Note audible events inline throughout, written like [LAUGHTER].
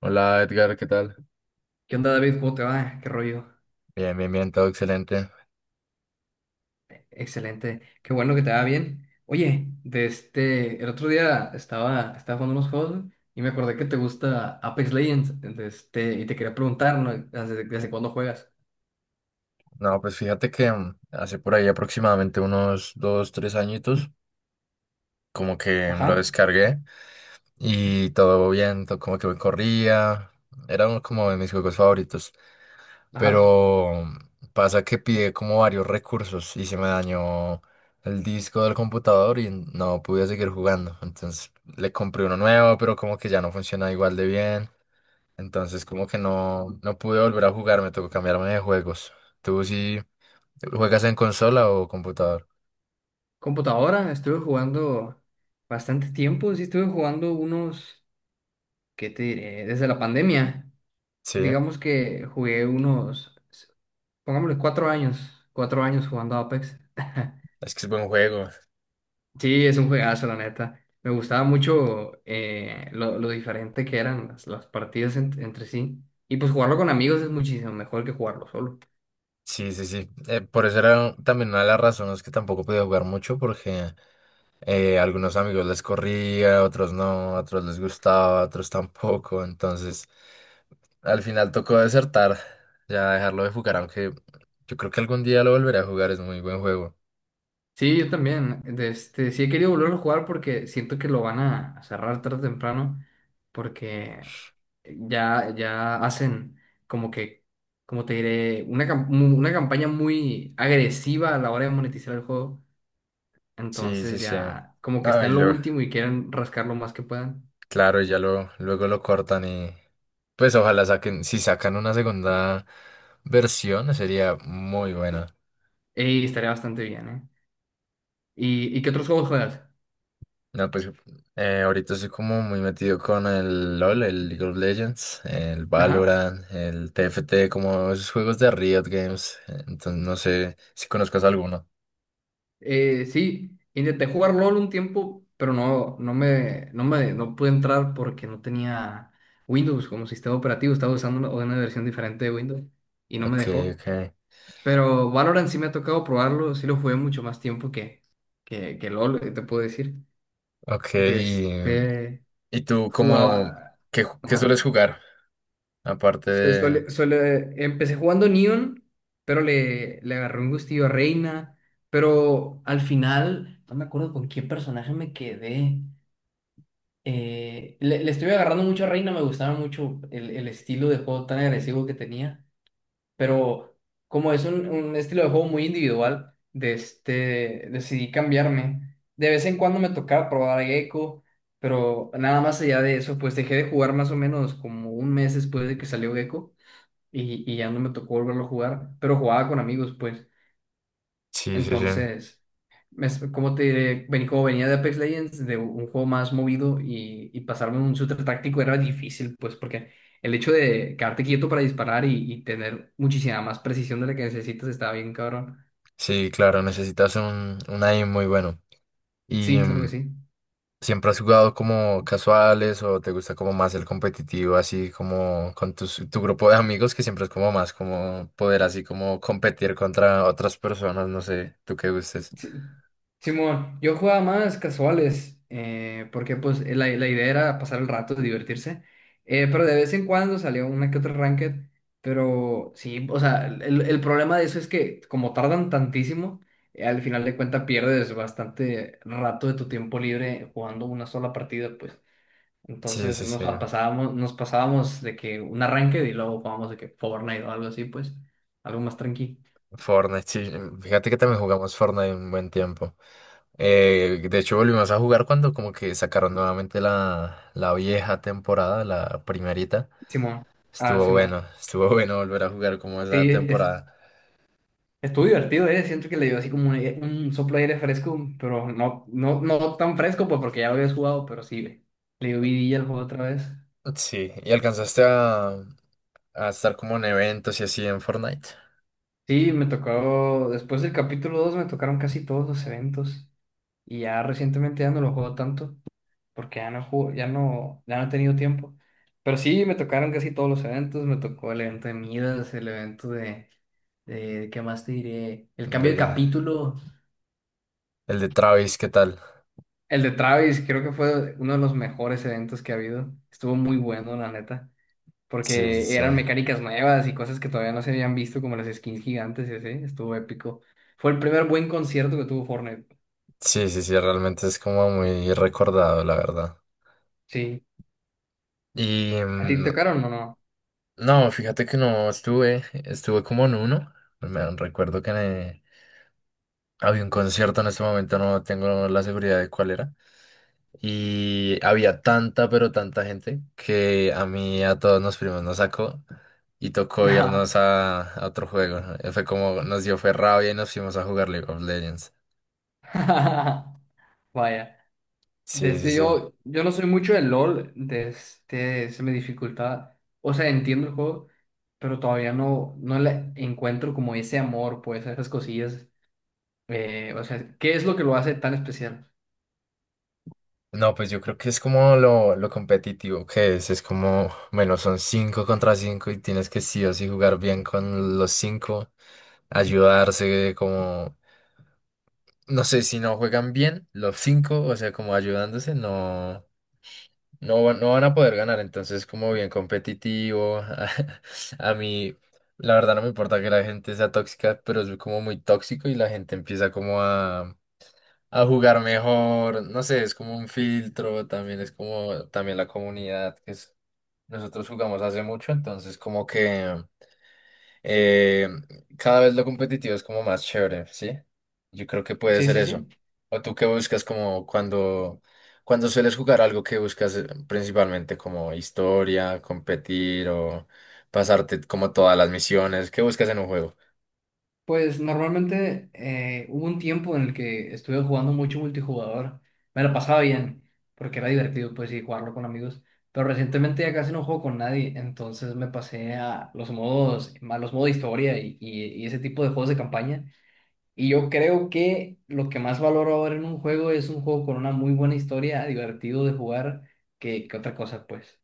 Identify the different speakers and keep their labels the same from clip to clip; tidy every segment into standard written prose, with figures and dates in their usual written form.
Speaker 1: Hola Edgar, ¿qué tal?
Speaker 2: ¿Qué onda, David? ¿Cómo te va? ¿Qué rollo?
Speaker 1: Bien, bien, bien, todo excelente.
Speaker 2: Excelente. Qué bueno que te va bien. Oye, el otro día estaba jugando unos juegos y me acordé que te gusta Apex Legends, y te quería preguntar, ¿no? ¿Desde cuándo juegas?
Speaker 1: No, pues fíjate que hace por ahí aproximadamente unos dos, tres añitos, como que lo
Speaker 2: Ajá,
Speaker 1: descargué y todo bien, todo como que me corría. Era uno como de mis juegos favoritos,
Speaker 2: ajá.
Speaker 1: pero pasa que pide como varios recursos y se me dañó el disco del computador y no pude seguir jugando. Entonces le compré uno nuevo, pero como que ya no funciona igual de bien. Entonces, como que no, no pude volver a jugar, me tocó cambiarme de juegos. ¿Tú sí juegas en consola o computador?
Speaker 2: Computadora, estuve jugando bastante tiempo, sí estuve jugando unos, ¿qué te diré? Desde la pandemia,
Speaker 1: Sí,
Speaker 2: digamos que jugué unos, pongámosle 4 años, 4 años jugando Apex. [LAUGHS]
Speaker 1: es que es buen juego.
Speaker 2: Sí, es un juegazo, la neta. Me gustaba mucho lo diferente que eran las partidas entre sí. Y pues jugarlo con amigos es muchísimo mejor que jugarlo solo.
Speaker 1: Sí, sí, sí. Por eso era también una de las razones que tampoco podía jugar mucho, porque a algunos amigos les corría, otros no, a otros les gustaba, a otros tampoco. Entonces, al final tocó desertar, ya dejarlo de jugar, aunque yo creo que algún día lo volveré a jugar, es muy buen juego.
Speaker 2: Sí, yo también. Sí he querido volverlo a jugar porque siento que lo van a cerrar tarde o temprano. Porque ya hacen como que, como te diré, una campaña muy agresiva a la hora de monetizar el juego.
Speaker 1: Sí, sí,
Speaker 2: Entonces
Speaker 1: sí.
Speaker 2: ya como que
Speaker 1: No,
Speaker 2: está
Speaker 1: y
Speaker 2: en lo
Speaker 1: luego,
Speaker 2: último y quieren rascar lo más que puedan.
Speaker 1: claro, y luego lo cortan y pues ojalá saquen, si sacan una segunda versión sería muy buena.
Speaker 2: Ey, estaría bastante bien, ¿eh? ¿Y qué otros juegos juegas?
Speaker 1: No, pues ahorita estoy como muy metido con el LOL, el League of Legends, el
Speaker 2: Ajá.
Speaker 1: Valorant, el TFT, como esos juegos de Riot Games. Entonces no sé si conozcas alguno.
Speaker 2: Sí, intenté jugar LOL un tiempo, pero no pude entrar porque no tenía Windows como sistema operativo. Estaba usando una versión diferente de Windows y no me
Speaker 1: Ok,
Speaker 2: dejó.
Speaker 1: ok.
Speaker 2: Pero Valorant sí me ha tocado probarlo. Sí lo jugué mucho más tiempo que LOL, te puedo decir.
Speaker 1: Ok, y,
Speaker 2: Desde
Speaker 1: y tú como,
Speaker 2: jugaba.
Speaker 1: ¿ qué
Speaker 2: Ajá.
Speaker 1: sueles jugar? Aparte de...
Speaker 2: Empecé jugando Neon, pero le agarré un gustillo a Reina. Pero al final, no me acuerdo con qué personaje me quedé. Le estoy agarrando mucho a Reina, me gustaba mucho el estilo de juego tan agresivo que tenía. Pero como es un estilo de juego muy individual, decidí cambiarme. De vez en cuando me tocaba probar a Gecko, pero nada más allá de eso, pues dejé de jugar más o menos como un mes después de que salió Gecko y ya no me tocó volverlo a jugar, pero jugaba con amigos, pues.
Speaker 1: Sí, sí, sí.
Speaker 2: Entonces, como ¿cómo te diré? Vení, como venía de Apex Legends, de un juego más movido y pasarme a un shooter táctico era difícil, pues, porque el hecho de quedarte quieto para disparar y tener muchísima más precisión de la que necesitas estaba bien, cabrón.
Speaker 1: Sí, claro, necesitas un aim muy bueno. ¿Y
Speaker 2: Sí, claro que sí.
Speaker 1: siempre has jugado como casuales o te gusta como más el competitivo, así como con tus, tu grupo de amigos, que siempre es como más como poder así como competir contra otras personas, no sé, tú qué gustes?
Speaker 2: Sí, Simón, yo jugaba más casuales, porque pues la idea era pasar el rato, divertirse, pero de vez en cuando salía una que otra ranked, pero sí, o sea, el problema de eso es que como tardan tantísimo, al final de cuentas pierdes bastante rato de tu tiempo libre jugando una sola partida, pues.
Speaker 1: Sí,
Speaker 2: Entonces
Speaker 1: sí, sí.
Speaker 2: nos pasábamos de que una ranked y luego jugábamos de que Fortnite o algo así, pues, algo más tranqui.
Speaker 1: Fortnite, sí. Fíjate que también jugamos Fortnite un buen tiempo. De hecho, volvimos a jugar cuando como que sacaron nuevamente la vieja temporada, la primerita.
Speaker 2: Simón, ah,
Speaker 1: Estuvo
Speaker 2: Simón.
Speaker 1: bueno, estuvo [LAUGHS] bueno volver a jugar como esa
Speaker 2: Sí,
Speaker 1: temporada.
Speaker 2: estuvo divertido, ¿eh? Siento que le dio así como un soplo de aire fresco, pero no tan fresco, pues porque ya lo habías jugado, pero sí, le dio vidilla al juego otra vez.
Speaker 1: Sí, ¿y alcanzaste a estar como en eventos y así en Fortnite?
Speaker 2: Sí, me tocó, después del capítulo 2 me tocaron casi todos los eventos y ya recientemente ya no lo juego tanto porque ya no juego, ya no, ya no he tenido tiempo. Pero sí, me tocaron casi todos los eventos, me tocó el evento de Midas, el evento de ¿qué más te diré? El
Speaker 1: El
Speaker 2: cambio de
Speaker 1: de,
Speaker 2: capítulo.
Speaker 1: el de Travis, ¿qué tal?
Speaker 2: El de Travis creo que fue uno de los mejores eventos que ha habido. Estuvo muy bueno, la neta,
Speaker 1: Sí, sí,
Speaker 2: porque
Speaker 1: sí.
Speaker 2: eran mecánicas nuevas y cosas que todavía no se habían visto, como las skins gigantes y así. Estuvo épico. Fue el primer buen concierto que tuvo Fortnite.
Speaker 1: Sí, sí, sí, realmente es como muy recordado, la verdad.
Speaker 2: Sí.
Speaker 1: Y
Speaker 2: ¿A ti te tocaron o no?
Speaker 1: no, fíjate que no estuve, estuve como en uno. Me recuerdo que había un concierto en este momento, no tengo la seguridad de cuál era. Y había tanta, pero tanta gente que a mí, y a todos los primos nos sacó y tocó irnos
Speaker 2: No.
Speaker 1: a otro juego. Fue como nos dio fue rabia y nos fuimos a jugar League of Legends.
Speaker 2: [LAUGHS] Vaya.
Speaker 1: Sí, sí, sí.
Speaker 2: Yo no soy mucho de LOL, desde se me dificulta. O sea, entiendo el juego, pero todavía no le encuentro como ese amor, pues, a esas cosillas. O sea, ¿qué es lo que lo hace tan especial?
Speaker 1: No, pues yo creo que es como lo competitivo que es. Es como, bueno, son cinco contra cinco y tienes que sí o sí jugar bien con los cinco, ayudarse, como, no sé, si no juegan bien los cinco, o sea, como ayudándose, no. No, no van a poder ganar, entonces como bien competitivo. [LAUGHS] A, mí, la verdad no me importa que la gente sea tóxica, pero es como muy tóxico y la gente empieza como a jugar mejor. No sé, es como un filtro, también es como también la comunidad nosotros jugamos hace mucho, entonces como que eh, cada vez lo competitivo es como más chévere, ¿sí? Yo creo que puede
Speaker 2: Sí,
Speaker 1: ser
Speaker 2: sí, sí.
Speaker 1: eso. ¿O tú qué buscas como cuando sueles jugar algo que buscas principalmente como historia, competir o pasarte como todas las misiones? ¿Qué buscas en un juego?
Speaker 2: Pues normalmente hubo un tiempo en el que estuve jugando mucho multijugador. Me lo pasaba bien, porque era divertido, pues, y jugarlo con amigos. Pero recientemente ya casi no juego con nadie, entonces me pasé a los modos de historia y ese tipo de juegos de campaña. Y yo creo que lo que más valoro ahora en un juego es un juego con una muy buena historia, divertido de jugar, que otra cosa, pues.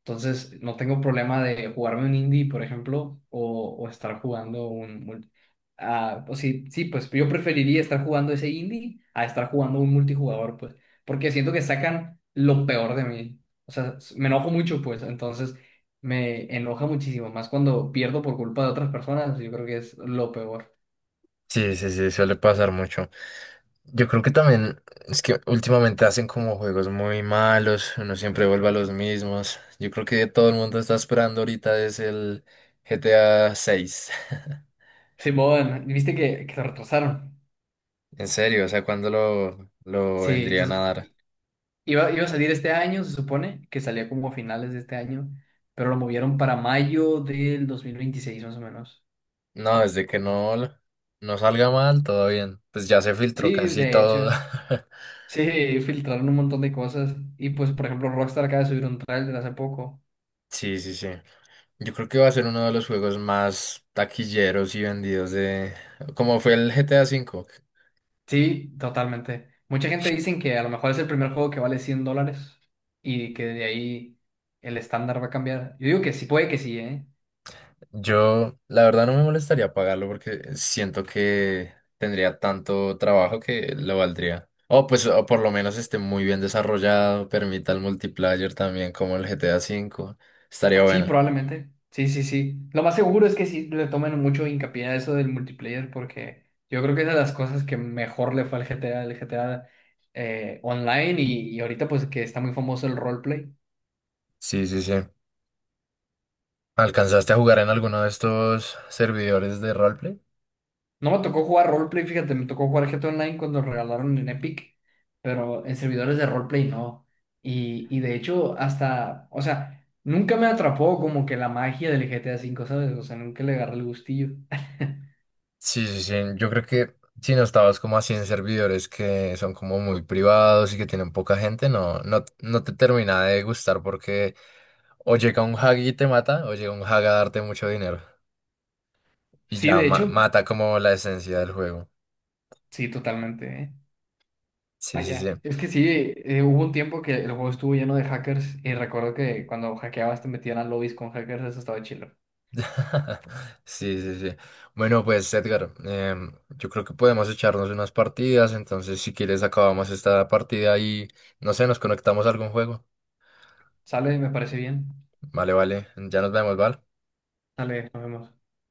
Speaker 2: Entonces, no tengo problema de jugarme un indie, por ejemplo, o estar jugando un... mul- ah, o sí, sí, pues yo preferiría estar jugando ese indie a estar jugando un multijugador, pues, porque siento que sacan lo peor de mí. O sea, me enojo mucho, pues, entonces me enoja muchísimo, más cuando pierdo por culpa de otras personas, yo creo que es lo peor.
Speaker 1: Sí, sí, sí, suele pasar mucho. Yo creo que también es que últimamente hacen como juegos muy malos, uno siempre vuelve a los mismos. Yo creo que todo el mundo está esperando ahorita es el GTA 6 [LAUGHS]
Speaker 2: Simón, ¿viste que se retrasaron?
Speaker 1: En serio, o sea, ¿cuándo lo
Speaker 2: Sí,
Speaker 1: vendrían a dar?
Speaker 2: iba a salir este año, se supone, que salía como a finales de este año, pero lo movieron para mayo del 2026 más o menos.
Speaker 1: No, desde que no, l- no salga mal, todo bien. Pues ya se filtró
Speaker 2: Sí,
Speaker 1: casi
Speaker 2: de
Speaker 1: todo.
Speaker 2: hecho. [LAUGHS]
Speaker 1: [LAUGHS]
Speaker 2: Sí, filtraron un montón de cosas. Y pues, por ejemplo, Rockstar acaba de subir un trailer hace poco.
Speaker 1: Sí, sí, sí. Yo creo que va a ser uno de los juegos más taquilleros y vendidos de... Como fue el GTA 5.
Speaker 2: Sí, totalmente. Mucha gente dicen que a lo mejor es el primer juego que vale $100 y que de ahí el estándar va a cambiar. Yo digo que sí, puede que sí, ¿eh?
Speaker 1: Yo, la verdad, no me molestaría pagarlo porque siento que tendría tanto trabajo que lo valdría. O pues, o por lo menos esté muy bien desarrollado, permita el multiplayer también como el GTA 5. Estaría
Speaker 2: Sí,
Speaker 1: bueno.
Speaker 2: probablemente. Sí, sí, sí. Lo más seguro es que sí le tomen mucho hincapié a eso del multiplayer porque yo creo que es de las cosas que mejor le fue al GTA, el GTA Online y ahorita pues que está muy famoso el roleplay.
Speaker 1: Sí, sí, sí. ¿Alcanzaste a jugar en alguno de estos servidores de roleplay?
Speaker 2: No me tocó jugar roleplay, fíjate, me tocó jugar GTA Online cuando lo regalaron en Epic, pero en servidores de roleplay no. Y de hecho hasta, o sea, nunca me atrapó como que la magia del GTA 5, ¿sabes? O sea, nunca le agarré el gustillo. [LAUGHS]
Speaker 1: Sí, sí, sí. Yo creo que si no estabas como así en servidores que son como muy privados y que tienen poca gente, no, no, no te termina de gustar porque o llega un hag y te mata, o llega un hag a darte mucho dinero y
Speaker 2: Sí,
Speaker 1: ya
Speaker 2: de hecho,
Speaker 1: mata como la esencia del juego.
Speaker 2: sí, totalmente, ¿eh?
Speaker 1: Sí, sí, sí.
Speaker 2: Vaya, es que sí, hubo un tiempo que el juego estuvo lleno de hackers y recuerdo que cuando hackeabas te metían a lobbies con hackers, eso estaba chido.
Speaker 1: [LAUGHS] Sí, sí, sí. Bueno, pues Edgar, yo creo que podemos echarnos unas partidas, entonces si quieres acabamos esta partida y no sé, nos conectamos a algún juego.
Speaker 2: Sale, me parece bien.
Speaker 1: Vale, vale, ya nos vemos, ¿vale?
Speaker 2: Sale, nos vemos.